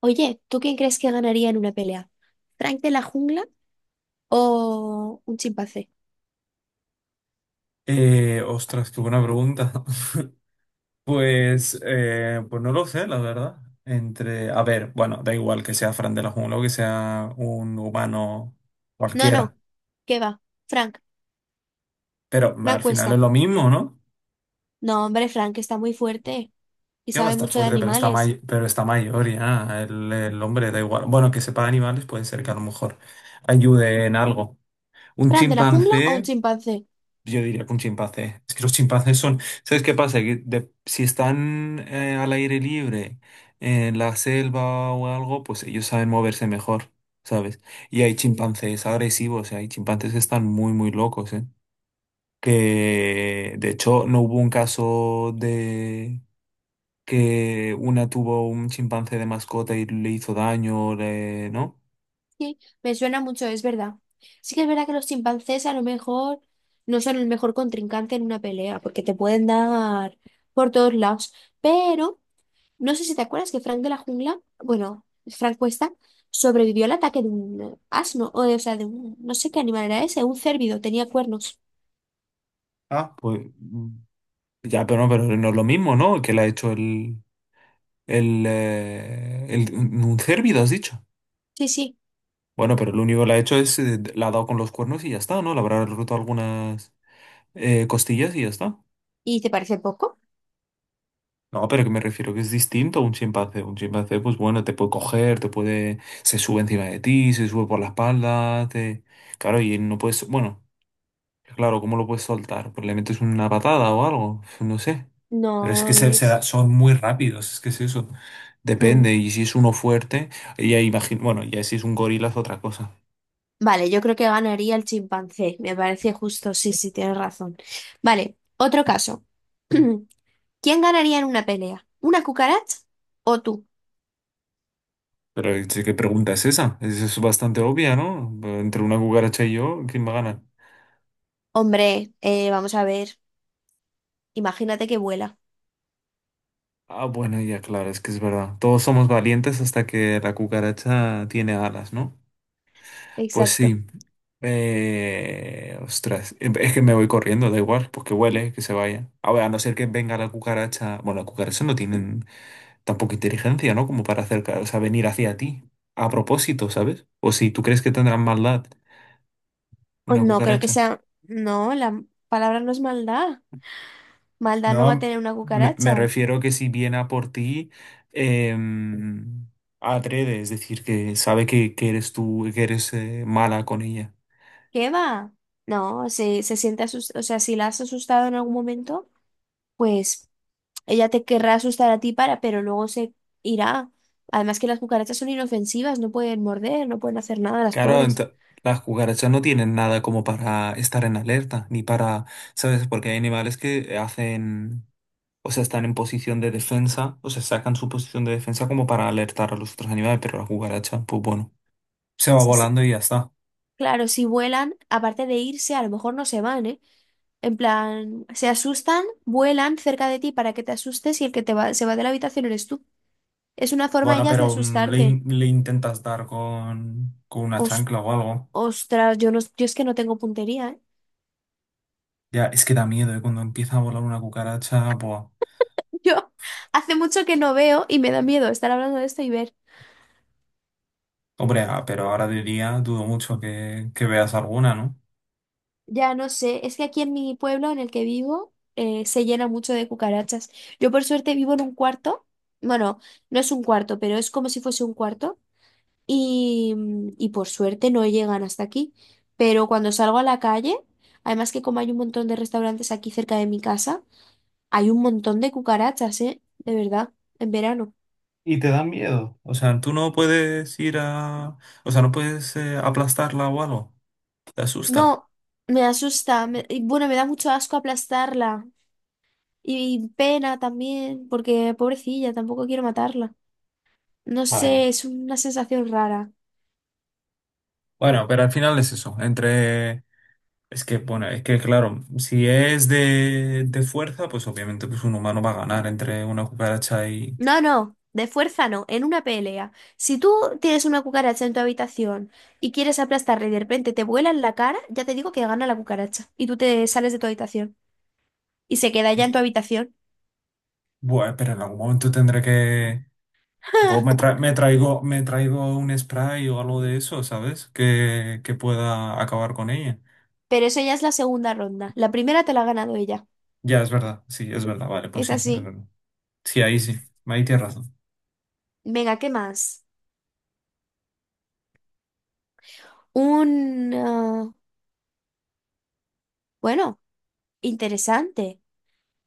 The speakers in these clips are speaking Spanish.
Oye, ¿tú quién crees que ganaría en una pelea? ¿Frank de la jungla o un chimpancé? Ostras, qué buena pregunta. Pues, pues no lo sé, la verdad. Entre, a ver, bueno, da igual que sea Fran de la Jungla o que sea un humano No, cualquiera, ¿qué va? Frank, pero Frank al final es Cuesta. lo mismo, ¿no? No, hombre, Frank está muy fuerte y Que va a sabe estar mucho de fuerte, pero está, animales. Pero está mayor ya, el hombre da igual. Bueno, que sepa de animales puede ser que a lo mejor ayude en algo. Un ¿Frank de la jungla o un chimpancé. chimpancé? Yo diría que un chimpancé. Es que los chimpancés son. ¿Sabes qué pasa? Que si están al aire libre, en la selva o algo, pues ellos saben moverse mejor, ¿sabes? Y hay Mm. chimpancés agresivos, hay chimpancés que están muy, muy locos, ¿eh? Que de hecho no hubo un caso de que una tuvo un chimpancé de mascota y le hizo daño, ¿no? Sí, me suena mucho, es verdad. Sí que es verdad que los chimpancés a lo mejor no son el mejor contrincante en una pelea porque te pueden dar por todos lados, pero... No sé si te acuerdas que Frank de la jungla, bueno, Frank Cuesta, sobrevivió al ataque de un asno, o, o sea, de un, no sé qué animal era ese, un cérvido, tenía cuernos. Ah, pues ya, pero no es lo mismo, ¿no? Que le ha hecho el. El, un cérvido, has dicho. Sí, sí. Bueno, pero lo único que le ha hecho es, la ha dado con los cuernos y ya está, ¿no? Le habrá roto algunas costillas y ya está. ¿Y te parece poco? No, pero que me refiero que es distinto a un chimpancé. Un chimpancé, pues bueno, te puede coger, te puede, se sube encima de ti, se sube por la espalda, te... Claro, y no puedes, bueno. Claro, ¿cómo lo puedes soltar? Pues le metes una patada o algo, no sé. Pero es que No, ves. Son muy rápidos, es que es eso. Mm. Depende, y si es uno fuerte, ya imagino, bueno, ya si es un gorila es otra cosa. Vale, yo creo que ganaría el chimpancé, me parece justo, sí, sí, tienes razón. Vale, otro caso. ¿Quién ganaría en una pelea? ¿Una cucaracha o tú? Pero sí, ¿qué pregunta es esa? Es bastante obvia, ¿no? Entre una cucaracha y yo, ¿quién me gana? Hombre, vamos a ver, imagínate que vuela. Ah, bueno, ya claro, es que es verdad. Todos somos valientes hasta que la cucaracha tiene alas, ¿no? Pues Exacto. sí. Ostras, es que me voy corriendo, da igual, pues que huele, que se vaya. A ver, a no ser que venga la cucaracha. Bueno, las cucarachas no tienen tampoco inteligencia, ¿no? Como para acercar, o sea, venir hacia ti. A propósito, ¿sabes? O si tú crees que tendrán maldad O una no creo que cucaracha. sea. No, la palabra no es maldad. Maldad no va a No, tener una me cucaracha. refiero que si viene a por ti, em, atreve, es decir, que sabe que eres tú, que eres mala con ella. ¿Qué va? No, si se siente asustada, o sea, si la has asustado en algún momento, pues ella te querrá asustar a ti para, pero luego se irá. Además que las cucarachas son inofensivas, no pueden morder, no pueden hacer nada, las Claro, pobres. Las cucarachas no tienen nada como para estar en alerta, ni para, ¿sabes? Porque hay animales que hacen, o sea, están en posición de defensa, o sea, sacan su posición de defensa como para alertar a los otros animales, pero la cucaracha, pues bueno, se va Sí, sí. volando y ya está. Claro, si vuelan, aparte de irse, a lo mejor no se van, ¿eh? En plan, se asustan, vuelan cerca de ti para que te asustes y el que te va, se va de la habitación eres tú. Es una forma Bueno, ellas de pero asustarte. Le intentas dar con una Os- chancla o algo. Ostras, yo, no, yo es que no tengo puntería, ¿eh? Ya, es que da miedo, ¿eh? Cuando empieza a volar una cucaracha, pues, Yo hace mucho que no veo y me da miedo estar hablando de esto y ver. hombre, pero ahora de día dudo mucho que veas alguna, ¿no? Ya no sé, es que aquí en mi pueblo en el que vivo se llena mucho de cucarachas. Yo por suerte vivo en un cuarto, bueno, no es un cuarto, pero es como si fuese un cuarto y y por suerte no llegan hasta aquí. Pero cuando salgo a la calle, además que como hay un montón de restaurantes aquí cerca de mi casa, hay un montón de cucarachas, ¿eh? De verdad, en verano. Y te da miedo. O sea, tú no puedes ir a... O sea, no puedes aplastarla o algo. Te asusta. No, me asusta. Y bueno, me da mucho asco aplastarla. Y pena también, porque pobrecilla, tampoco quiero matarla. No Bueno, sé, es una sensación rara. bueno, pero al final es eso. Entre... Es que, bueno, es que claro, si es de fuerza, pues obviamente pues un humano va a ganar entre una cucaracha y... No, no, de fuerza no, en una pelea. Si tú tienes una cucaracha en tu habitación y quieres aplastarla y de repente te vuela en la cara, ya te digo que gana la cucaracha. Y tú te sales de tu habitación. Y se queda ya en y- tu habitación. Bueno, pero en algún momento tendré que... pues, me traigo un spray o algo de eso, ¿sabes? Que pueda acabar con ella. Pero eso ya es la segunda ronda. La primera te la ha ganado ella. Ya, es verdad. Sí, es verdad. Vale, pues Es sí, es así. verdad. Sí. Ahí tienes razón. Venga, ¿qué más? Un... ah, bueno, interesante.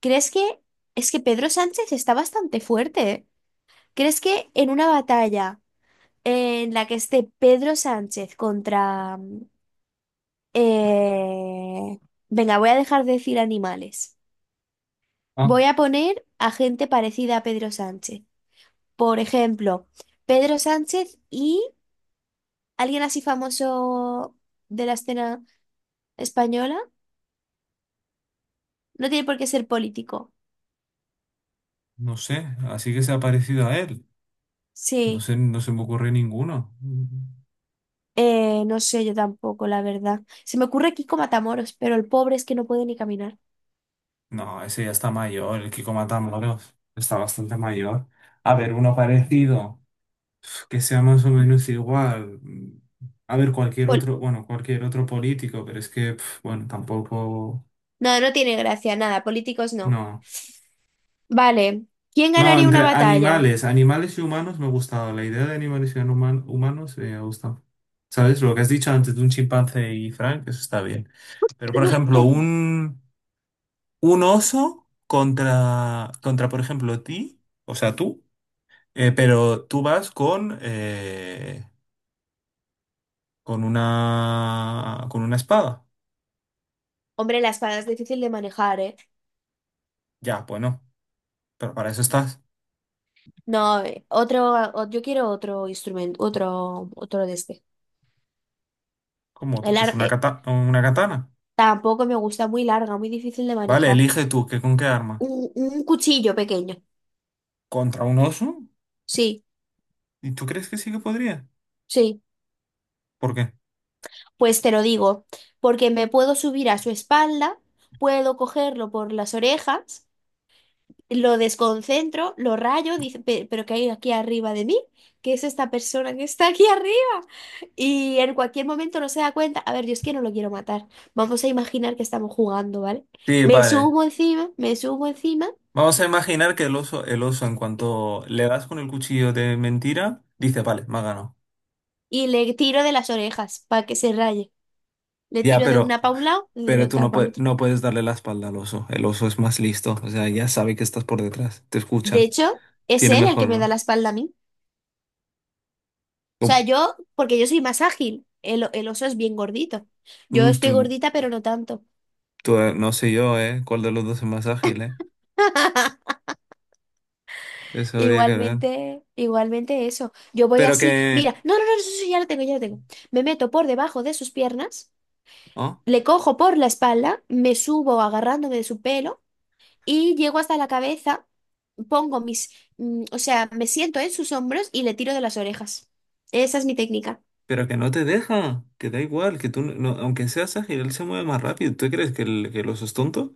¿Crees que es que Pedro Sánchez está bastante fuerte, ¿eh? ¿Crees que en una batalla en la que esté Pedro Sánchez contra... eh, venga, voy a dejar de decir animales. Ah, Voy a poner a gente parecida a Pedro Sánchez. Por ejemplo, Pedro Sánchez y alguien así famoso de la escena española. No tiene por qué ser político. no sé, así que se ha parecido a él. No Sí. sé, no se me ocurre ninguno. No sé, yo tampoco, la verdad. Se me ocurre Kiko Matamoros, pero el pobre es que no puede ni caminar. No, ese ya está mayor, el Kiko Matamoros. Está bastante mayor. A ver, uno parecido, que sea más o menos igual. A ver, cualquier Pol- otro, bueno, cualquier otro político, pero es que, pf, bueno, tampoco, no, no tiene gracia, nada, políticos no. no. Vale, ¿quién No, ganaría una entre batalla? animales, animales y humanos me ha gustado. La idea de animales y humanos me ha gustado. ¿Sabes? Lo que has dicho antes de un chimpancé y Frank, eso está bien. Pero, por ejemplo, un oso contra, por ejemplo, ti, o sea, tú, pero tú vas con, con una espada. Hombre, la espada es difícil de manejar, ¿eh? Ya, pues no. Pero para eso estás. No, otro, yo quiero otro instrumento, otro de este. Como otro, El pues una arte una katana. tampoco me gusta, muy larga, muy difícil de Vale, manejar. elige tú, ¿qué, con qué arma? Un cuchillo pequeño, ¿Contra un oso? sí, ¿Y tú crees que sí que podría? sí. ¿Por qué? Pues te lo digo, porque me puedo subir a su espalda, puedo cogerlo por las orejas, lo desconcentro, lo rayo, dice, pero ¿qué hay aquí arriba de mí? ¿Qué es esta persona que está aquí arriba? Y en cualquier momento no se da cuenta, a ver, yo es que no lo quiero matar, vamos a imaginar que estamos jugando, ¿vale? Sí, vale. Me subo encima Vamos a imaginar que el oso, en cuanto le das con el cuchillo de mentira, dice, vale, me ha ganado. y le tiro de las orejas para que se raye. Le Ya, tiro de una para un lado y de la pero tú otra no para el puedes, otro. no puedes darle la espalda al oso. El oso es más listo. O sea, ya sabe que estás por detrás. Te De escucha. hecho, es Tiene él el que mejor. me ¿No? da la espalda a mí. O sea, Tú, yo, porque yo soy más ágil, el oso es bien gordito. Yo mm, estoy tú- gordita, pero no tanto. tú, no sé yo, ¿eh? ¿Cuál de los dos es más ágil, eh? Eso habría que ver. Igualmente, igualmente eso. Yo voy Pero así. que. Mira, no, no, no, eso sí, ya lo tengo, ya lo tengo. Me meto por debajo de sus piernas, ¿Oh? le cojo por la espalda, me subo agarrándome de su pelo y llego hasta la cabeza, pongo mis, mm, o sea, me siento en sus hombros y le tiro de las orejas. Esa es mi técnica. Pero que no te deja. Que da igual. Que tú, aunque seas ágil, él se mueve más rápido. ¿Tú crees que que el oso es tonto?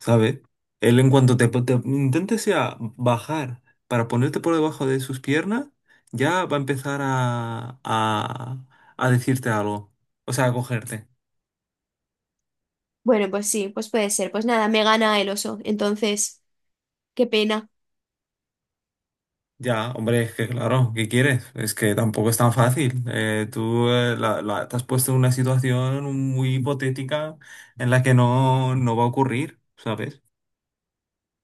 ¿Sabe? Él en cuanto te intentes ya bajar para ponerte por debajo de sus piernas, ya va a empezar a decirte algo. O sea, a cogerte. Bueno, pues sí, pues puede ser. Pues nada, me gana el oso. Entonces, qué pena. Ya, hombre, es que claro, ¿qué quieres? Es que tampoco es tan fácil. Tú te has puesto en una situación muy hipotética en la que no va a ocurrir, ¿sabes?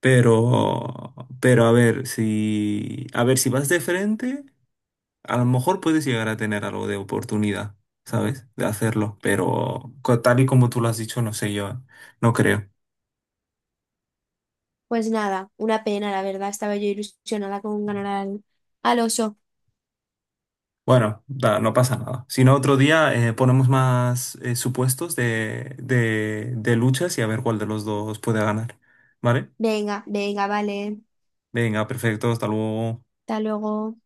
Pero, pero a ver, si vas de frente, a lo mejor puedes llegar a tener algo de oportunidad, ¿sabes? De hacerlo, pero tal y como tú lo has dicho, no sé, yo no creo. Pues nada, una pena, la verdad. Estaba yo ilusionada con ganar al, al oso. Bueno, no pasa nada. Si no, otro día ponemos más supuestos de luchas y a ver cuál de los dos puede ganar, ¿vale? Venga, venga, vale. Venga, perfecto, hasta luego. Hasta luego.